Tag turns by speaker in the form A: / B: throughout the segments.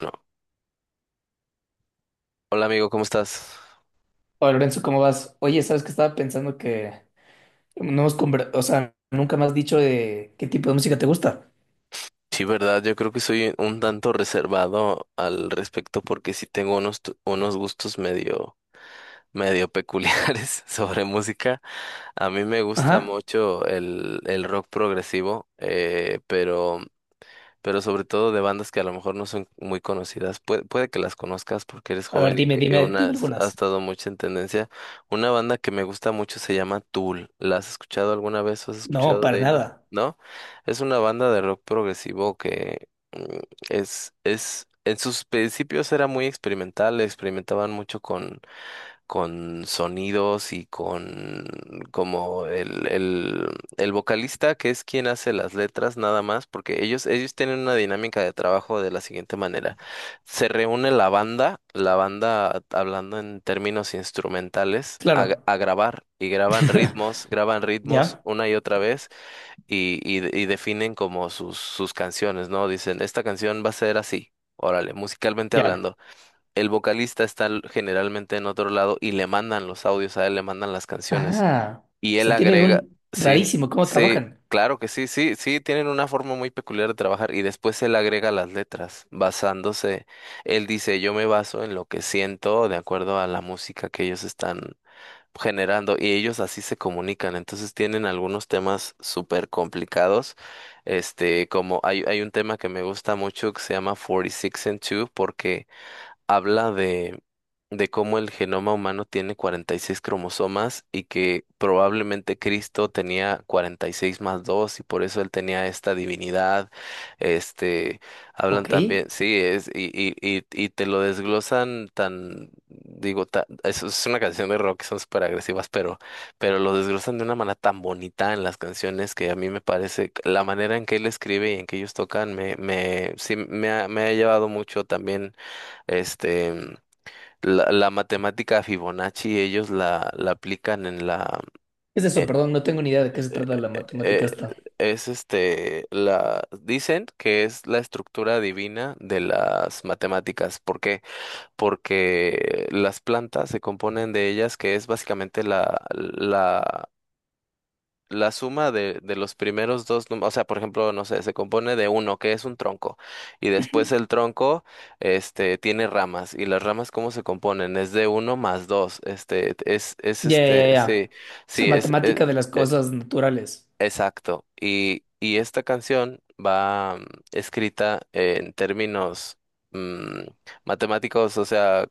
A: No. Hola amigo, ¿cómo estás?
B: Hola Lorenzo, ¿cómo vas? Oye, sabes que estaba pensando que no hemos nunca me has dicho de qué tipo de música te gusta.
A: Sí, verdad, yo creo que soy un tanto reservado al respecto porque sí tengo unos, unos gustos medio, medio peculiares sobre música. A mí me gusta
B: Ajá.
A: mucho el rock progresivo, pero sobre todo de bandas que a lo mejor no son muy conocidas. Puede que las conozcas porque eres
B: A ver,
A: joven
B: dime,
A: y
B: dime, dime
A: ha
B: algunas.
A: estado mucho en tendencia. Una banda que me gusta mucho se llama Tool. ¿La has escuchado alguna vez? ¿Has
B: No,
A: escuchado
B: para
A: de ellos?
B: nada.
A: ¿No? Es una banda de rock progresivo que es, en sus principios era muy experimental, experimentaban mucho con sonidos y con como el vocalista que es quien hace las letras nada más, porque ellos tienen una dinámica de trabajo de la siguiente manera. Se reúne la banda hablando en términos instrumentales,
B: Claro.
A: a grabar y graban ritmos
B: ¿Ya?
A: una y otra vez y definen como sus canciones, ¿no? Dicen, esta canción va a ser así. Órale, musicalmente
B: Ya.
A: hablando el vocalista generalmente en otro lado y le mandan los audios a él, le mandan las canciones
B: Ah,
A: y
B: o
A: él
B: sea, tienen
A: agrega,
B: un
A: sí,
B: rarísimo cómo
A: sí,
B: trabajan.
A: claro que sí, sí, sí, tienen una forma muy peculiar de trabajar y después él agrega las letras basándose, él dice, yo me baso en lo que siento de acuerdo a la música que ellos están generando y ellos así se comunican, entonces tienen algunos temas súper complicados. Este, hay un tema que me gusta mucho que se llama 46 and Two porque habla de cómo el genoma humano tiene 46 cromosomas y que probablemente Cristo tenía 46 más 2 y por eso él tenía esta divinidad. Este,
B: Ok.
A: hablan también,
B: ¿Qué
A: sí, es, y te lo desglosan tan, digo, es una canción de rock, son súper agresivas, pero lo desglosan de una manera tan bonita en las canciones que a mí me parece, la manera en que él escribe y en que ellos tocan, sí, me ha llevado mucho también este, la matemática Fibonacci, la aplican en la...
B: es eso?
A: eh,
B: Perdón, no tengo ni idea de
A: eh,
B: qué se trata la matemática
A: eh, eh,
B: esta.
A: es este, la... Dicen que es la estructura divina de las matemáticas. ¿Por qué? Porque las plantas se componen de ellas, que es básicamente la, la suma de los primeros dos, o sea, por ejemplo, no sé, se compone de uno, que es un tronco, y después el tronco, este, tiene ramas, y las ramas, ¿cómo se componen? Es de uno más dos, este,
B: Ya, ya,
A: sí,
B: ya. O sea,
A: sí,
B: matemática de las cosas naturales.
A: exacto. Y esta canción va escrita en términos mm, matemáticos, o sea,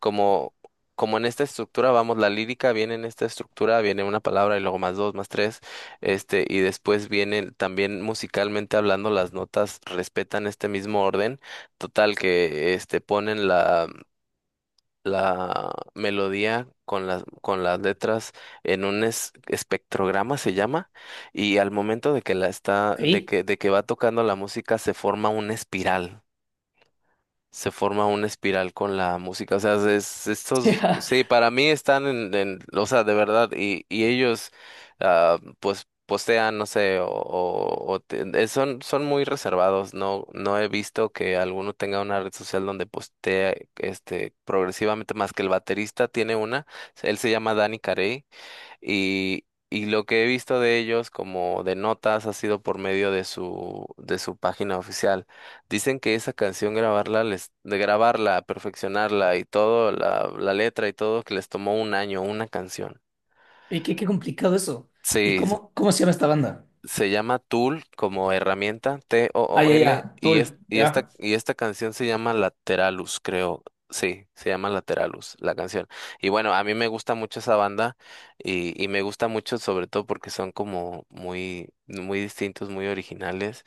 A: como, como en esta estructura, vamos, la lírica viene en esta estructura, viene una palabra y luego más dos, más tres, este, y después vienen también musicalmente hablando, las notas respetan este mismo orden, total que este ponen la la melodía con las letras en un espectrograma se llama, y al momento de que la está,
B: Ok.
A: de que va tocando la música se forma una espiral se forma una espiral con la música. O sea, es, estos,
B: Ya.
A: sí, para mí están en, o sea, de verdad, y ellos, ah, pues, postean, no sé, son, son muy reservados. No, no he visto que alguno tenga una red social donde postea, este, progresivamente más que el baterista tiene una. Él se llama Danny Carey. Y lo que he visto de ellos como de notas ha sido por medio de su página oficial. Dicen que esa canción grabarla, les, de grabarla, perfeccionarla y todo, la letra y todo, que les tomó 1 año, una canción.
B: Y qué complicado eso. ¿Y
A: Sí,
B: cómo se llama esta banda?
A: se llama Tool como herramienta,
B: Ah, ya,
A: T-O-O-L,
B: ya. Tool. Ya.
A: y esta canción se llama Lateralus, creo. Sí, se llama Lateralus, la canción. Y bueno, a mí me gusta mucho esa banda y me gusta mucho sobre todo porque son como muy, muy distintos, muy originales.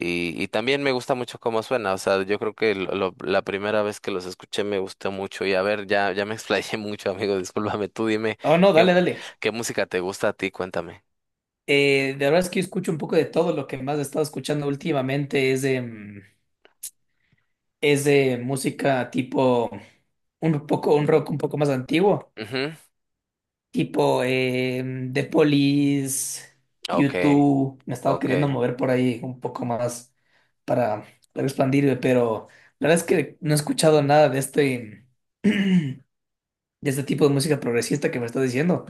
A: Y también me gusta mucho cómo suena. O sea, yo creo que la primera vez que los escuché me gustó mucho. Y a ver, ya, ya me explayé mucho, amigo. Discúlpame, tú dime
B: Oh, no,
A: qué,
B: dale,
A: mu-
B: dale.
A: qué música te gusta a ti, cuéntame.
B: La verdad es que yo escucho un poco de todo. Lo que más he estado escuchando últimamente es de es de música tipo un poco, un rock un poco más antiguo,
A: Ujú,
B: tipo The Police,
A: ok.
B: YouTube. Me he estado
A: Ok,
B: queriendo mover por ahí un poco más para, para expandirme, pero la verdad es que no he escuchado nada de este, de este tipo de música progresista que me estás diciendo.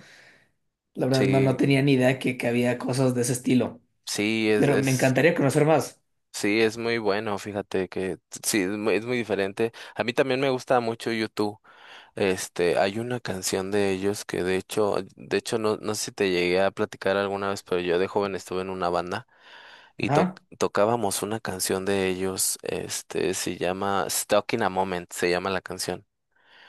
B: La verdad no, no
A: sí,
B: tenía ni idea que había cosas de ese estilo.
A: sí,
B: Pero me encantaría conocer más.
A: sí, es muy bueno, fíjate que sí, es muy diferente. A mí también me gusta mucho YouTube. Este, hay una canción de ellos que de hecho no, no sé si te llegué a platicar alguna vez, pero yo de joven estuve en una banda y
B: Ajá.
A: tocábamos una canción de ellos, este, se llama Stuck in a Moment, se llama la canción.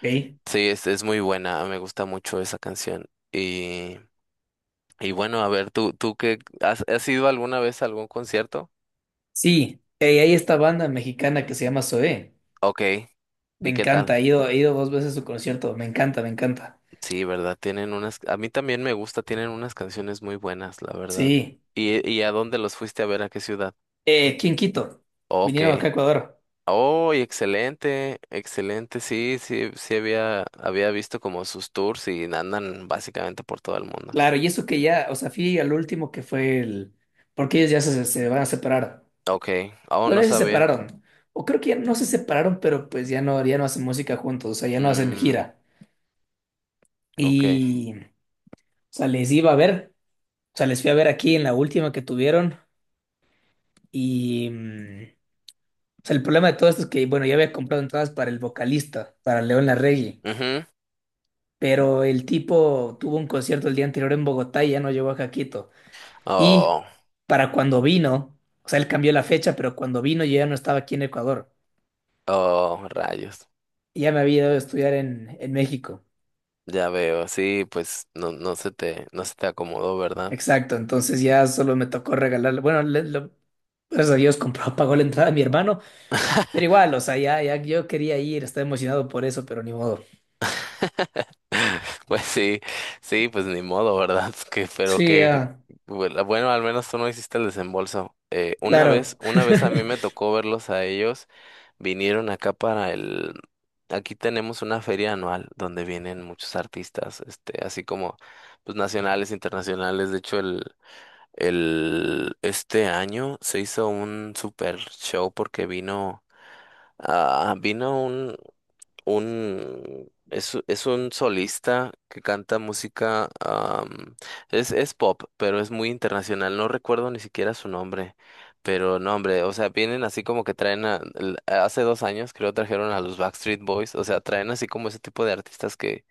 B: Ey.
A: Sí, es muy buena, me gusta mucho esa canción. Y, y bueno, a ver, ¿ tú qué, has, has ido alguna vez a algún concierto?
B: Sí, ey, hay esta banda mexicana que se llama Zoé.
A: Ok,
B: Me
A: ¿y qué
B: encanta,
A: tal?
B: he ido dos veces a su concierto. Me encanta, me encanta.
A: Sí, ¿verdad? Tienen unas, a mí también me gusta, tienen unas canciones muy buenas, la verdad.
B: Sí.
A: Y a dónde los fuiste a ver? ¿A qué ciudad?
B: ¿Quién Quito?
A: Ok.
B: Vinieron acá a Ecuador.
A: Oh, y excelente, excelente, sí, sí, sí había, había visto como sus tours y andan básicamente por todo el mundo.
B: Claro, y eso que ya, o sea, fui al último que fue el. Porque ellos ya se van a separar.
A: Ok, oh,
B: Bueno,
A: no
B: ya se
A: sabía.
B: separaron. O creo que ya no se separaron, pero pues ya no, ya no hacen música juntos, o sea, ya no hacen
A: Mm,
B: gira.
A: ok.
B: Y, o sea, les iba a ver, o sea, les fui a ver aquí en la última que tuvieron. Y o sea, el problema de todo esto es que, bueno, ya había comprado entradas para el vocalista, para León Larregui,
A: Ujú.
B: pero el tipo tuvo un concierto el día anterior en Bogotá y ya no llegó a Jaquito. Y
A: Oh,
B: para cuando vino, o sea, él cambió la fecha, pero cuando vino yo ya no estaba aquí en Ecuador.
A: oh, rayos.
B: Y ya me había ido a estudiar en México.
A: Ya veo, sí, pues no, no se te acomodó, ¿verdad?
B: Exacto, entonces ya solo me tocó regalarle. Bueno, gracias a Dios compró, pagó la entrada a mi hermano, pero igual, o sea, ya yo quería ir, estaba emocionado por eso, pero ni modo.
A: Pues sí, sí, pues ni modo, ¿verdad? Que, pero
B: Sí,
A: que,
B: ya,
A: bueno, bueno, al menos tú no hiciste el desembolso.
B: claro.
A: Una vez a mí me tocó verlos a ellos, vinieron acá para el, aquí tenemos una feria anual donde vienen muchos artistas, este, así como, pues nacionales, internacionales. De hecho, este año se hizo un super show porque vino ah, vino es un solista que canta música, am, es pop, pero es muy internacional, no recuerdo ni siquiera su nombre, pero no, hombre, o sea, vienen así como que traen, hace 2 años creo trajeron a los Backstreet Boys, o sea, traen así como ese tipo de artistas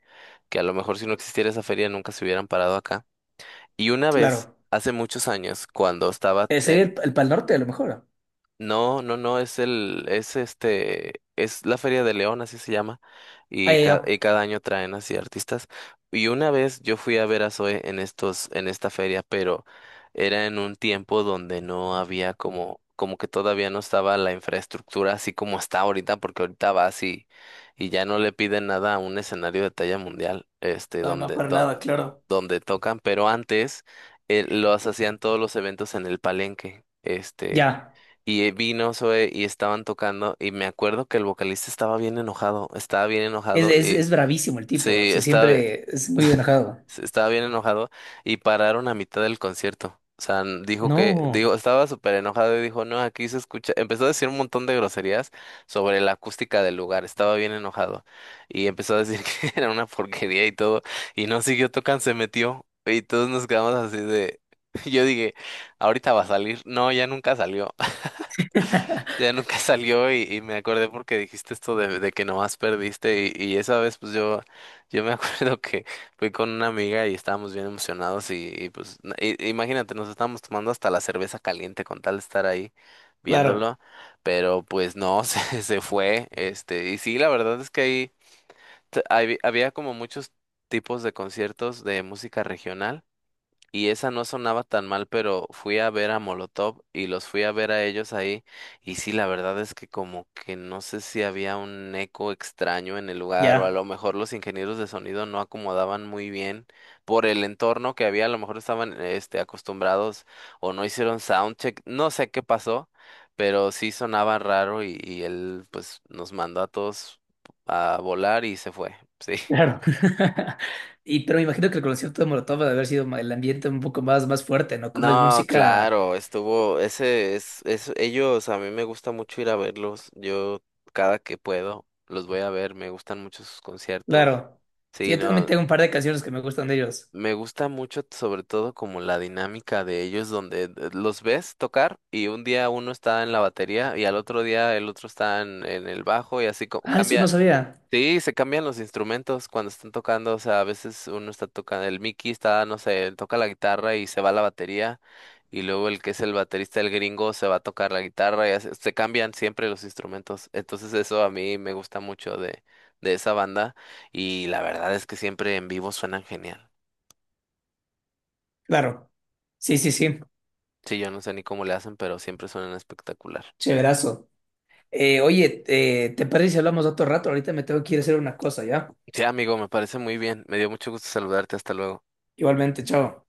A: que a lo mejor si no existiera esa feria nunca se hubieran parado acá. Y una vez,
B: Claro.
A: hace muchos años, cuando estaba,
B: Sería el Pal Norte a lo mejor.
A: no, no, no, es este, es la Feria de León, así se llama,
B: Ah,
A: y,
B: ya, ya.
A: y cada año traen así artistas. Y una vez yo fui a ver a Zoe en estos, en esta feria, pero era en un tiempo donde no había como, como que todavía no estaba la infraestructura así como está ahorita, porque ahorita va así y ya no le piden nada a un escenario de talla mundial, este,
B: No, no,
A: donde,
B: para
A: donde,
B: nada, claro.
A: donde tocan, pero antes los hacían todos los eventos en el Palenque, este.
B: Ya.
A: Y vino Zoe y estaban tocando y me acuerdo que el vocalista estaba bien
B: Es,
A: enojado
B: es,
A: y
B: es bravísimo el tipo.
A: sí,
B: Se
A: estaba,
B: siempre es muy enojado.
A: sí, estaba bien enojado y pararon a mitad del concierto. O sea, dijo que,
B: No.
A: digo, estaba súper enojado y dijo, no, aquí se escucha, empezó a decir un montón de groserías sobre la acústica del lugar, estaba bien enojado y empezó a decir que era una porquería y todo y no siguió tocando, se metió y todos nos quedamos así de, yo dije, ahorita va a salir, no, ya nunca salió. Ya nunca salió y me acordé porque dijiste esto de que nomás perdiste y esa vez pues yo me acuerdo que fui con una amiga y estábamos bien emocionados y, pues imagínate, nos estábamos tomando hasta la cerveza caliente con tal de estar ahí
B: Claro.
A: viéndolo, pero pues no, se fue, este, y sí, la verdad es que ahí había como muchos tipos de conciertos de música regional. Y esa no sonaba tan mal, pero fui a ver a Molotov y los fui a ver a ellos ahí. Y sí, la verdad es que como que no sé si había un eco extraño en el lugar o a
B: Ya.
A: lo mejor los ingenieros de sonido no acomodaban muy bien por el entorno que había. A lo mejor estaban este, acostumbrados o no hicieron soundcheck. No sé qué pasó, pero sí sonaba raro y él pues nos mandó a todos a volar y se fue. Sí.
B: Claro. Y pero me imagino que el concierto de Molotov debe haber sido ma- el ambiente un poco más, más fuerte, ¿no? Como es
A: No,
B: música.
A: claro, estuvo, ellos, a mí me gusta mucho ir a verlos, yo cada que puedo los voy a ver, me gustan mucho sus conciertos,
B: Claro. Sí,
A: sí,
B: yo también
A: no,
B: tengo un par de canciones que me gustan de ellos.
A: me gusta mucho sobre todo como la dinámica de ellos donde los ves tocar y un día uno está en la batería y al otro día el otro está en el bajo y así como
B: Ah, eso no
A: cambia,
B: sabía.
A: sí, se cambian los instrumentos cuando están tocando, o sea, a veces uno está tocando, el Mickey está, no sé, toca la guitarra y se va la batería, y luego el que es el baterista, el gringo, se va a tocar la guitarra, se cambian siempre los instrumentos, entonces eso a mí me gusta mucho de esa banda, y la verdad es que siempre en vivo suenan genial.
B: Claro. Sí, sí, sí.
A: Sí, yo no sé ni cómo le hacen, pero siempre suenan espectacular.
B: Chéverazo. Oye, ¿te parece si hablamos otro rato? Ahorita me tengo que ir a hacer una cosa, ¿ya?
A: Sí, amigo, me parece muy bien, me dio mucho gusto saludarte, hasta luego.
B: Igualmente, chao.